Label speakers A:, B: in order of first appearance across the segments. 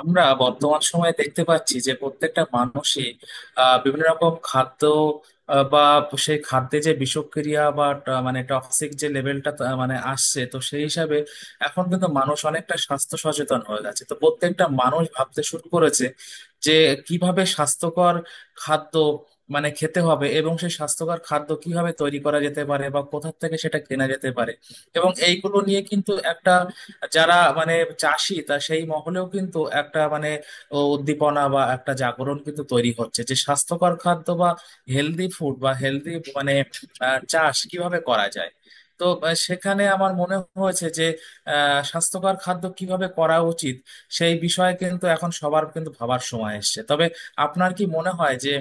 A: আমরা বর্তমান সময়ে দেখতে পাচ্ছি যে প্রত্যেকটা মানুষই বিভিন্ন রকম খাদ্য বা সেই খাদ্যে যে বিষক্রিয়া বা মানে টক্সিক যে লেভেলটা মানে আসছে, তো সেই হিসাবে এখন কিন্তু মানুষ অনেকটা স্বাস্থ্য সচেতন হয়ে গেছে, তো প্রত্যেকটা মানুষ ভাবতে শুরু করেছে যে কিভাবে স্বাস্থ্যকর খাদ্য মানে খেতে হবে এবং সেই স্বাস্থ্যকর খাদ্য কিভাবে তৈরি করা যেতে পারে বা কোথা থেকে সেটা কেনা যেতে পারে। এবং এইগুলো নিয়ে কিন্তু একটা যারা মানে চাষি, তা সেই মহলেও কিন্তু একটা মানে উদ্দীপনা বা একটা জাগরণ কিন্তু তৈরি হচ্ছে যে স্বাস্থ্যকর খাদ্য বা হেলদি ফুড বা হেলদি মানে চাষ কিভাবে করা যায়। তো সেখানে আমার মনে হয়েছে যে স্বাস্থ্যকর খাদ্য কিভাবে করা উচিত, সেই বিষয়ে কিন্তু এখন সবার কিন্তু ভাবার সময় এসেছে। তবে আপনার কি মনে হয় যে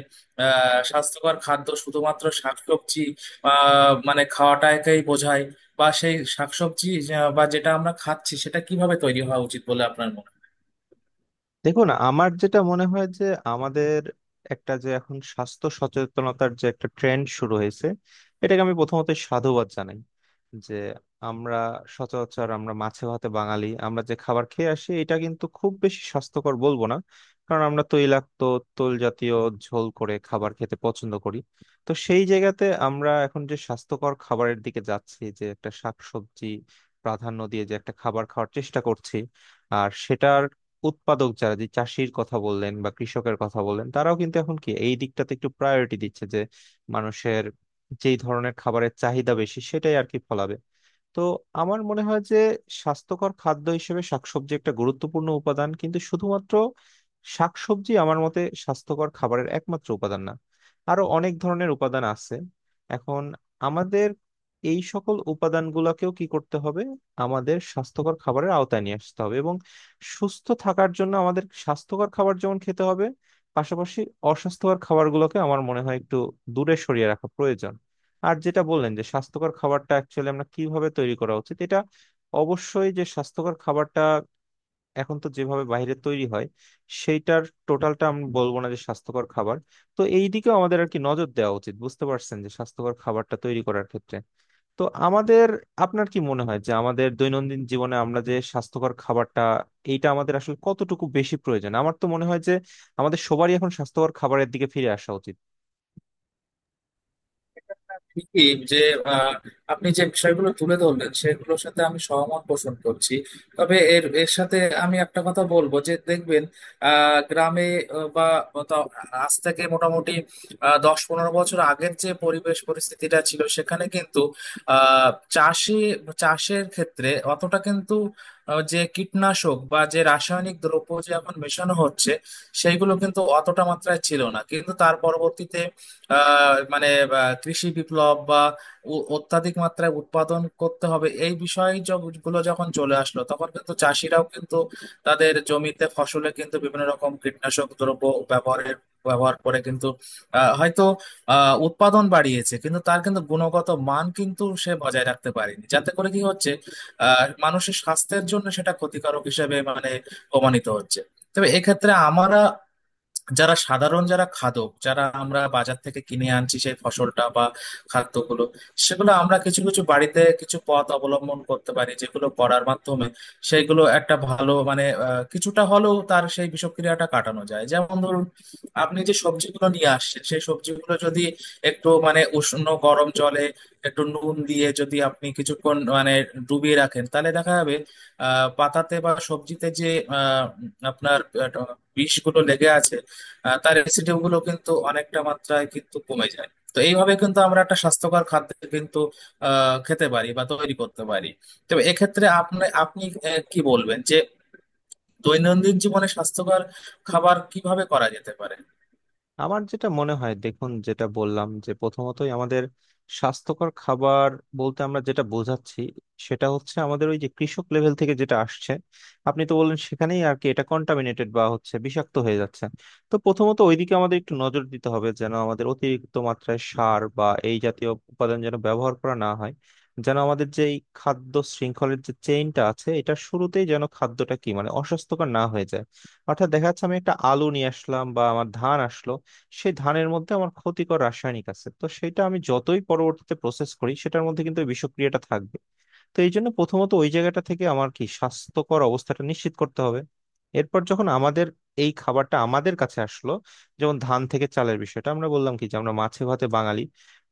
A: স্বাস্থ্যকর খাদ্য শুধুমাত্র শাকসবজি মানে খাওয়াটাকেই বোঝায়, বা সেই শাকসবজি বা যেটা আমরা খাচ্ছি সেটা কিভাবে তৈরি হওয়া উচিত বলে আপনার মনে হয়?
B: দেখুন, আমার যেটা মনে হয় যে আমাদের একটা যে এখন স্বাস্থ্য সচেতনতার যে একটা ট্রেন্ড শুরু হয়েছে, এটাকে আমি প্রথমত সাধুবাদ জানাই যে আমরা সচরাচর আমরা মাছে ভাতে বাঙালি, আমরা যে খাবার খেয়ে আসি এটা কিন্তু খুব বেশি স্বাস্থ্যকর বলবো না। কারণ আমরা তৈলাক্ত, তৈল জাতীয় ঝোল করে খাবার খেতে পছন্দ করি। তো সেই জায়গাতে আমরা এখন যে স্বাস্থ্যকর খাবারের দিকে যাচ্ছি, যে একটা শাকসবজি প্রাধান্য দিয়ে যে একটা খাবার খাওয়ার চেষ্টা করছি, আর সেটার উৎপাদক যারা, যে চাষির কথা বললেন বা কৃষকের কথা বললেন, তারাও কিন্তু এখন কি এই দিকটাতে একটু প্রায়োরিটি দিচ্ছে যে মানুষের যেই ধরনের খাবারের চাহিদা বেশি সেটাই আর কি ফলাবে। তো আমার মনে হয় যে স্বাস্থ্যকর খাদ্য হিসেবে শাকসবজি একটা গুরুত্বপূর্ণ উপাদান, কিন্তু শুধুমাত্র শাকসবজি আমার মতে স্বাস্থ্যকর খাবারের একমাত্র উপাদান না, আরো অনেক ধরনের উপাদান আছে। এখন আমাদের এই সকল উপাদানগুলোকেও কি করতে হবে, আমাদের স্বাস্থ্যকর খাবারের আওতায় নিয়ে আসতে হবে এবং সুস্থ থাকার জন্য আমাদের স্বাস্থ্যকর খাবার যেমন খেতে হবে, পাশাপাশি অস্বাস্থ্যকর খাবারগুলোকে আমার মনে হয় একটু দূরে সরিয়ে রাখা প্রয়োজন। আর যেটা বললেন যে স্বাস্থ্যকর খাবারটা অ্যাকচুয়ালি আমরা কিভাবে তৈরি করা উচিত, এটা অবশ্যই যে স্বাস্থ্যকর খাবারটা এখন তো যেভাবে বাইরে তৈরি হয়, সেইটার টোটালটা আমি বলবো না যে স্বাস্থ্যকর খাবার। তো এই দিকেও আমাদের আর কি নজর দেওয়া উচিত, বুঝতে পারছেন, যে স্বাস্থ্যকর খাবারটা তৈরি করার ক্ষেত্রে। তো আমাদের আপনার কি মনে হয় যে আমাদের দৈনন্দিন জীবনে আমরা যে স্বাস্থ্যকর খাবারটা, এইটা আমাদের আসলে কতটুকু বেশি প্রয়োজন? আমার তো মনে হয় যে আমাদের সবারই এখন স্বাস্থ্যকর খাবারের দিকে ফিরে আসা উচিত।
A: ঠিকই যে আহ, আপনি যে বিষয়গুলো তুলে ধরলেন সেগুলোর সাথে আমি সহমত পোষণ করছি। তবে এর এর সাথে আমি একটা কথা বলবো যে দেখবেন গ্রামে বা তা- আজ থেকে মোটামুটি 10-15 বছর আগের যে পরিবেশ পরিস্থিতিটা ছিল সেখানে কিন্তু আহ চাষি চাষের ক্ষেত্রে অতটা কিন্তু যে কীটনাশক বা যে রাসায়নিক দ্রব্য যে এখন মেশানো হচ্ছে সেইগুলো কিন্তু অতটা মাত্রায় ছিল না, কিন্তু তার পরবর্তীতে মানে কৃষি বিপ্লব বা অত্যাধিক মাত্রায় উৎপাদন করতে হবে এই বিষয় গুলো যখন চলে আসলো তখন কিন্তু চাষিরাও কিন্তু তাদের জমিতে ফসলে কিন্তু বিভিন্ন রকম কীটনাশক দ্রব্য ব্যবহারের ব্যবহার করে কিন্তু হয়তো উৎপাদন বাড়িয়েছে কিন্তু তার কিন্তু গুণগত মান কিন্তু সে বজায় রাখতে পারেনি, যাতে করে কি হচ্ছে মানুষের স্বাস্থ্যের জন্য সেটা ক্ষতিকারক হিসেবে মানে প্রমাণিত হচ্ছে। তবে এক্ষেত্রে আমরা যারা সাধারণ যারা খাদক যারা আমরা বাজার থেকে কিনে আনছি সেই ফসলটা বা খাদ্যগুলো, সেগুলো আমরা কিছু কিছু বাড়িতে কিছু পথ অবলম্বন করতে পারি যেগুলো করার মাধ্যমে সেগুলো একটা ভালো মানে কিছুটা হলেও তার সেই বিষক্রিয়াটা কাটানো যায়। যেমন ধরুন আপনি যে সবজিগুলো নিয়ে আসছেন সেই সবজিগুলো যদি একটু মানে উষ্ণ গরম জলে একটু নুন দিয়ে যদি আপনি কিছুক্ষণ মানে ডুবিয়ে রাখেন তাহলে দেখা যাবে পাতাতে বা সবজিতে যে আহ আপনার বিষগুলো লেগে আছে, তার অ্যাসিডিটি গুলো কিন্তু অনেকটা মাত্রায় কিন্তু কমে যায়। তো এইভাবে কিন্তু আমরা একটা স্বাস্থ্যকর খাদ্য কিন্তু খেতে পারি বা তৈরি করতে পারি। তবে এক্ষেত্রে আপনি আপনি কি বলবেন যে দৈনন্দিন জীবনে স্বাস্থ্যকর খাবার কিভাবে করা যেতে পারে?
B: আমার যেটা মনে হয়, দেখুন, যেটা বললাম যে প্রথমতই আমাদের স্বাস্থ্যকর খাবার বলতে আমরা যেটা বোঝাচ্ছি, সেটা হচ্ছে আমাদের ওই যে কৃষক লেভেল থেকে যেটা আসছে, আপনি তো বললেন, সেখানেই আর কি এটা কন্টামিনেটেড বা হচ্ছে, বিষাক্ত হয়ে যাচ্ছে। তো প্রথমত ওইদিকে আমাদের একটু নজর দিতে হবে, যেন আমাদের অতিরিক্ত মাত্রায় সার বা এই জাতীয় উপাদান যেন ব্যবহার করা না হয়, যেন আমাদের যে এই খাদ্য শৃঙ্খলের যে চেইনটা আছে, এটা শুরুতেই যেন খাদ্যটা কি মানে অস্বাস্থ্যকর না হয়ে যায়। অর্থাৎ দেখা যাচ্ছে আমি একটা আলু নিয়ে আসলাম বা আমার ধান আসলো, সেই ধানের মধ্যে আমার ক্ষতিকর রাসায়নিক আছে, তো সেটা আমি যতই পরবর্তীতে প্রসেস করি, সেটার মধ্যে কিন্তু ওই বিষক্রিয়াটা থাকবে। তো এই জন্য প্রথমত ওই জায়গাটা থেকে আমার কি স্বাস্থ্যকর অবস্থাটা নিশ্চিত করতে হবে। এরপর যখন আমাদের এই খাবারটা আমাদের কাছে আসলো, যেমন ধান থেকে চালের বিষয়টা আমরা বললাম কি যে আমরা মাছে ভাতে বাঙালি,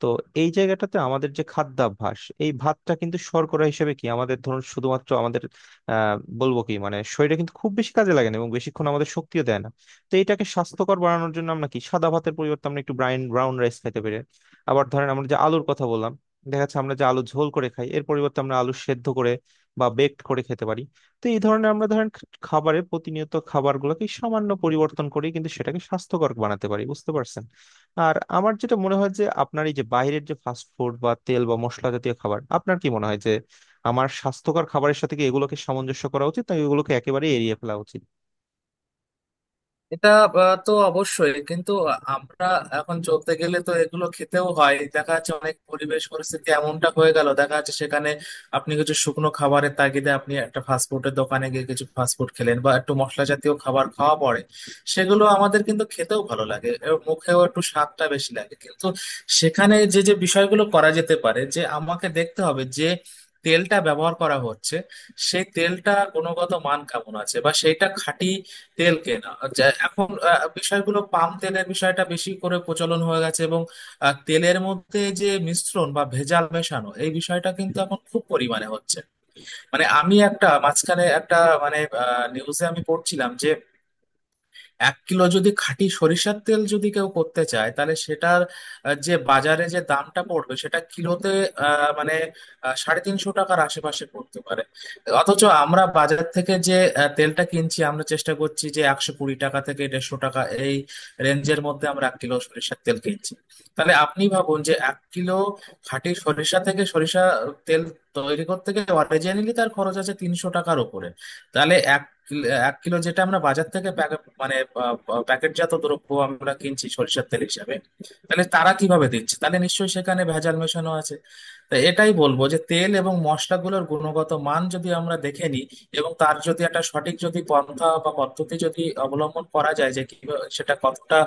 B: তো এই জায়গাটাতে আমাদের যে খাদ্যাভ্যাস, এই ভাতটা কিন্তু শর্করা হিসেবে কি আমাদের, ধরুন, শুধুমাত্র আমাদের আহ বলবো কি মানে শরীরে কিন্তু খুব বেশি কাজে লাগে না এবং বেশিক্ষণ আমাদের শক্তিও দেয় না। তো এটাকে স্বাস্থ্যকর বানানোর জন্য আমরা কি সাদা ভাতের পরিবর্তে আমরা একটু ব্রাউন ব্রাউন রাইস খেতে পারি। আবার ধরেন আমরা যে আলুর কথা বললাম, দেখা যাচ্ছে আমরা যে আলু ঝোল করে খাই, এর পরিবর্তে আমরা আলু সেদ্ধ করে বা বেকড করে খেতে পারি। তো এই ধরনের আমরা, ধরেন, খাবারে প্রতিনিয়ত খাবারগুলোকে সামান্য পরিবর্তন করি, কিন্তু সেটাকে স্বাস্থ্যকর বানাতে পারি, বুঝতে পারছেন। আর আমার যেটা মনে হয় যে আপনার এই যে বাইরের যে ফাস্ট ফুড বা তেল বা মশলা জাতীয় খাবার, আপনার কি মনে হয় যে আমার স্বাস্থ্যকর খাবারের সাথে কি এগুলোকে সামঞ্জস্য করা উচিত, নাকি এগুলোকে একেবারে এড়িয়ে ফেলা উচিত?
A: এটা তো অবশ্যই কিন্তু আমরা এখন চলতে গেলে তো এগুলো খেতেও হয়, দেখা যাচ্ছে অনেক পরিবেশ পরিস্থিতি এমনটা হয়ে গেল, দেখা যাচ্ছে সেখানে আপনি কিছু শুকনো খাবারের তাগিদে আপনি একটা ফাস্টফুডের দোকানে গিয়ে কিছু ফাস্টফুড খেলেন বা একটু মশলা জাতীয় খাবার খাওয়া পড়ে। সেগুলো আমাদের কিন্তু খেতেও ভালো লাগে এবং মুখেও একটু স্বাদটা বেশি লাগে, কিন্তু সেখানে যে যে বিষয়গুলো করা যেতে পারে যে আমাকে দেখতে হবে যে তেলটা ব্যবহার করা হচ্ছে সেই তেলটা গুণগত মান কেমন আছে বা সেইটা খাঁটি তেল কেনা এখন বিষয়গুলো পাম তেলের বিষয়টা বেশি করে প্রচলন হয়ে গেছে এবং তেলের মধ্যে যে মিশ্রণ বা ভেজাল মেশানো এই বিষয়টা কিন্তু এখন খুব পরিমাণে হচ্ছে। মানে আমি একটা মাঝখানে একটা মানে নিউজে আমি পড়ছিলাম যে 1 কিলো যদি খাঁটি সরিষার তেল যদি কেউ করতে চায় তাহলে সেটার যে বাজারে যে দামটা পড়বে সেটা কিলোতে মানে 350 টাকার আশেপাশে পড়তে পারে। অথচ আমরা বাজার থেকে যে তেলটা কিনছি, আমরা চেষ্টা করছি যে 120 টাকা থেকে 150 টাকা এই রেঞ্জের মধ্যে আমরা 1 কিলো সরিষার তেল কিনছি। তাহলে আপনি ভাবুন যে 1 কিলো খাঁটি সরিষা থেকে সরিষা তেল তৈরি করতে গেলে অরিজিনালি তার খরচ আছে 300 টাকার উপরে। তাহলে 1 কিলো যেটা আমরা বাজার থেকে মানে আহ, আহ, প্যাকেটজাত দ্রব্য আমরা কিনছি সরিষার তেল হিসাবে, তাহলে তারা কিভাবে দিচ্ছে? তাহলে নিশ্চয়ই সেখানে ভেজাল মেশানো আছে। তো এটাই বলবো যে তেল এবং মশলাগুলোর গুণগত মান যদি আমরা দেখে নিই এবং তার যদি একটা সঠিক যদি পন্থা বা পদ্ধতি যদি অবলম্বন করা যায় যে কিভাবে সেটা কতটা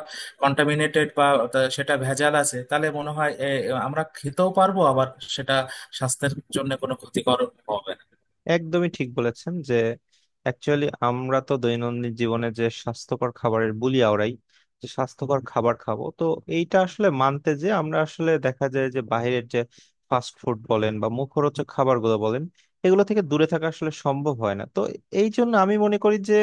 A: কন্টামিনেটেড বা সেটা ভেজাল আছে, তাহলে মনে হয় আমরা খেতেও পারবো আবার সেটা স্বাস্থ্যের জন্য কোনো ক্ষতিকর হবে না।
B: একদমই ঠিক বলেছেন যে অ্যাকচুয়ালি আমরা তো দৈনন্দিন জীবনে যে স্বাস্থ্যকর খাবারের বুলি আওড়াই যে স্বাস্থ্যকর খাবার খাবো, তো এইটা আসলে মানতে, যে আমরা আসলে দেখা যায় যে বাইরের যে ফাস্ট ফুড বলেন বা মুখরোচক খাবারগুলো বলেন, এগুলো থেকে দূরে থাকা আসলে সম্ভব হয় না। তো এই জন্য আমি মনে করি যে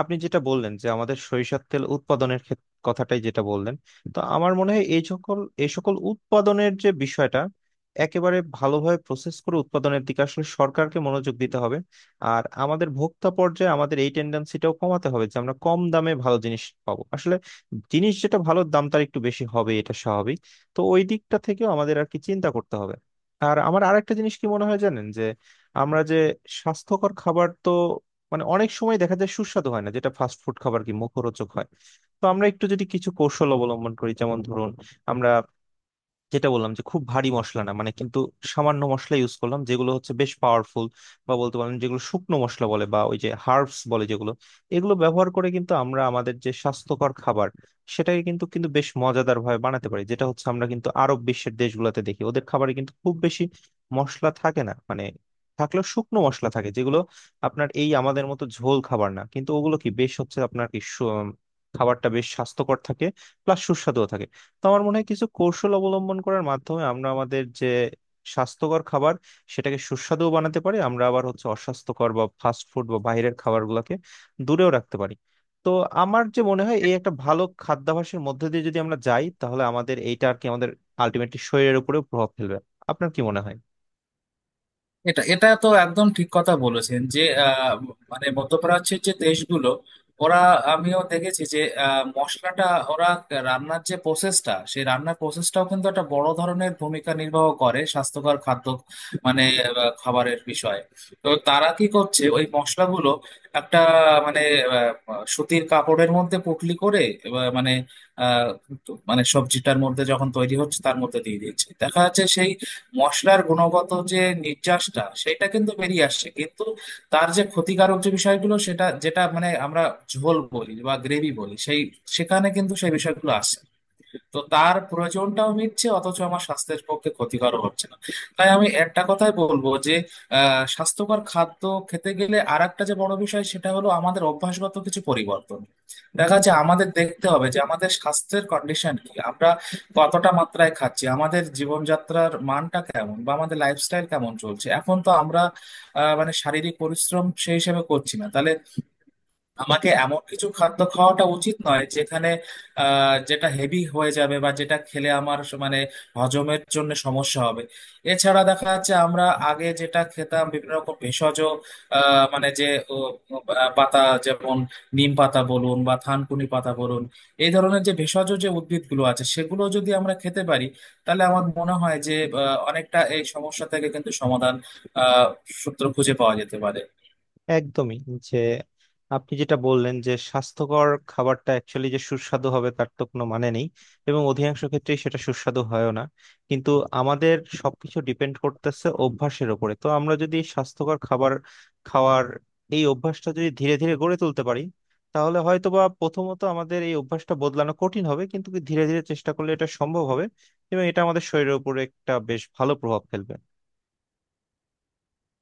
B: আপনি যেটা বললেন যে আমাদের সরিষার তেল উৎপাদনের ক্ষেত- কথাটাই যেটা বললেন, তো আমার মনে হয় এই সকল উৎপাদনের যে বিষয়টা একেবারে ভালোভাবে প্রসেস করে উৎপাদনের দিকে আসলে সরকারকে মনোযোগ দিতে হবে। আর আমাদের ভোক্তা পর্যায়ে আমাদের এই টেন্ডেন্সিটাও কমাতে হবে যে আমরা কম দামে ভালো জিনিস পাবো, আসলে জিনিস যেটা ভালো দাম তার একটু বেশি হবে, এটা স্বাভাবিক। তো ওই দিকটা থেকেও আমাদের আর কি চিন্তা করতে হবে। আর আমার আরেকটা জিনিস কি মনে হয় জানেন, যে আমরা যে স্বাস্থ্যকর খাবার, তো মানে অনেক সময় দেখা যায় সুস্বাদু হয় না, যেটা ফাস্ট ফুড খাবার কি মুখরোচক হয়। তো আমরা একটু যদি কিছু কৌশল অবলম্বন করি, যেমন ধরুন, আমরা যেটা বললাম যে খুব ভারী মশলা না মানে, কিন্তু সামান্য মশলা ইউজ করলাম, যেগুলো হচ্ছে বেশ পাওয়ারফুল, বা বলতে পারেন যেগুলো শুকনো মশলা বলে বা ওই যে হার্বস বলে যেগুলো, এগুলো ব্যবহার করে কিন্তু আমরা আমাদের যে স্বাস্থ্যকর খাবার, সেটাকে কিন্তু কিন্তু বেশ মজাদার ভাবে বানাতে পারি, যেটা হচ্ছে আমরা কিন্তু আরব বিশ্বের দেশগুলোতে দেখি ওদের খাবারে কিন্তু খুব বেশি মশলা থাকে না মানে, থাকলেও শুকনো মশলা থাকে যেগুলো আপনার এই আমাদের মতো ঝোল খাবার না, কিন্তু ওগুলো কি বেশ হচ্ছে আপনার কি সু- খাবারটা বেশ স্বাস্থ্যকর থাকে, প্লাস সুস্বাদুও থাকে। তো আমার মনে হয় কিছু কৌশল অবলম্বন করার মাধ্যমে আমরা আমাদের যে স্বাস্থ্যকর খাবার, সেটাকে সুস্বাদুও বানাতে পারি আমরা, আবার হচ্ছে অস্বাস্থ্যকর বা ফাস্ট ফুড বা বাইরের খাবারগুলোকে দূরেও রাখতে পারি। তো আমার যে মনে হয় এই একটা ভালো খাদ্যাভ্যাসের মধ্যে দিয়ে যদি আমরা যাই, তাহলে আমাদের এইটা আর কি আমাদের আলটিমেটলি শরীরের উপরেও প্রভাব ফেলবে। আপনার কি মনে হয়?
A: এটা এটা তো একদম ঠিক কথা বলেছেন যে মানে মধ্যপ্রাচ্যের যে দেশগুলো, ওরা, আমিও দেখেছি যে মশলাটা ওরা রান্নার যে প্রসেসটা সেই রান্নার প্রসেসটাও কিন্তু একটা বড় ধরনের ভূমিকা নির্বাহ করে স্বাস্থ্যকর খাদ্য মানে খাবারের বিষয়ে। তো তারা কি করছে ওই মশলাগুলো একটা মানে আহ, সুতির কাপড়ের মধ্যে পুটলি করে মানে আহ, মানে সবজিটার মধ্যে যখন তৈরি হচ্ছে তার মধ্যে দিয়ে দিচ্ছে, দেখা যাচ্ছে সেই মশলার গুণগত যে নির্যাসটা সেটা কিন্তু বেরিয়ে আসছে, কিন্তু তার যে ক্ষতিকারক যে বিষয়গুলো সেটা যেটা মানে আমরা ঝোল বলি বা গ্রেভি বলি সেই সেখানে কিন্তু সেই বিষয়গুলো আসছে না। তো তার প্রয়োজনটাও মিটছে অথচ আমার স্বাস্থ্যের পক্ষে ক্ষতিকর হচ্ছে না। তাই আমি একটা কথাই বলবো যে স্বাস্থ্যকর খাদ্য খেতে গেলে আর একটা যে বড় বিষয় সেটা হলো আমাদের অভ্যাসগত কিছু পরিবর্তন। দেখা যাচ্ছে আমাদের দেখতে হবে যে আমাদের স্বাস্থ্যের কন্ডিশন কি, আমরা কতটা মাত্রায় খাচ্ছি, আমাদের জীবনযাত্রার মানটা কেমন বা আমাদের লাইফস্টাইল কেমন চলছে। এখন তো আমরা মানে শারীরিক পরিশ্রম সেই হিসেবে করছি না, তাহলে আমাকে এমন কিছু খাদ্য খাওয়াটা উচিত নয় যেখানে যেটা হেভি হয়ে যাবে বা যেটা খেলে আমার মানে হজমের জন্য সমস্যা হবে। এছাড়া দেখা যাচ্ছে আমরা আগে যেটা খেতাম বিভিন্ন রকম ভেষজ মানে ও, পাতা, যেমন নিম পাতা বলুন বা থানকুনি পাতা বলুন, এই ধরনের যে ভেষজ যে উদ্ভিদগুলো আছে সেগুলো যদি আমরা খেতে পারি তাহলে আমার মনে হয় যে অনেকটা এই সমস্যা থেকে কিন্তু সমাধান আহ সূত্র খুঁজে পাওয়া যেতে পারে।
B: একদমই, যে আপনি যেটা বললেন যে স্বাস্থ্যকর খাবারটা অ্যাকচুয়ালি যে সুস্বাদু হবে তার তো কোনো মানে নেই, এবং অধিকাংশ ক্ষেত্রেই সেটা সুস্বাদু হয়ও না, কিন্তু আমাদের সবকিছু ডিপেন্ড করতেছে অভ্যাসের উপরে। তো আমরা যদি স্বাস্থ্যকর খাবার খাওয়ার এই অভ্যাসটা যদি ধীরে ধীরে গড়ে তুলতে পারি, তাহলে হয়তোবা প্রথমত আমাদের এই অভ্যাসটা বদলানো কঠিন হবে, কিন্তু ধীরে ধীরে চেষ্টা করলে এটা সম্ভব হবে এবং এটা আমাদের শরীরের উপরে একটা বেশ ভালো প্রভাব ফেলবে।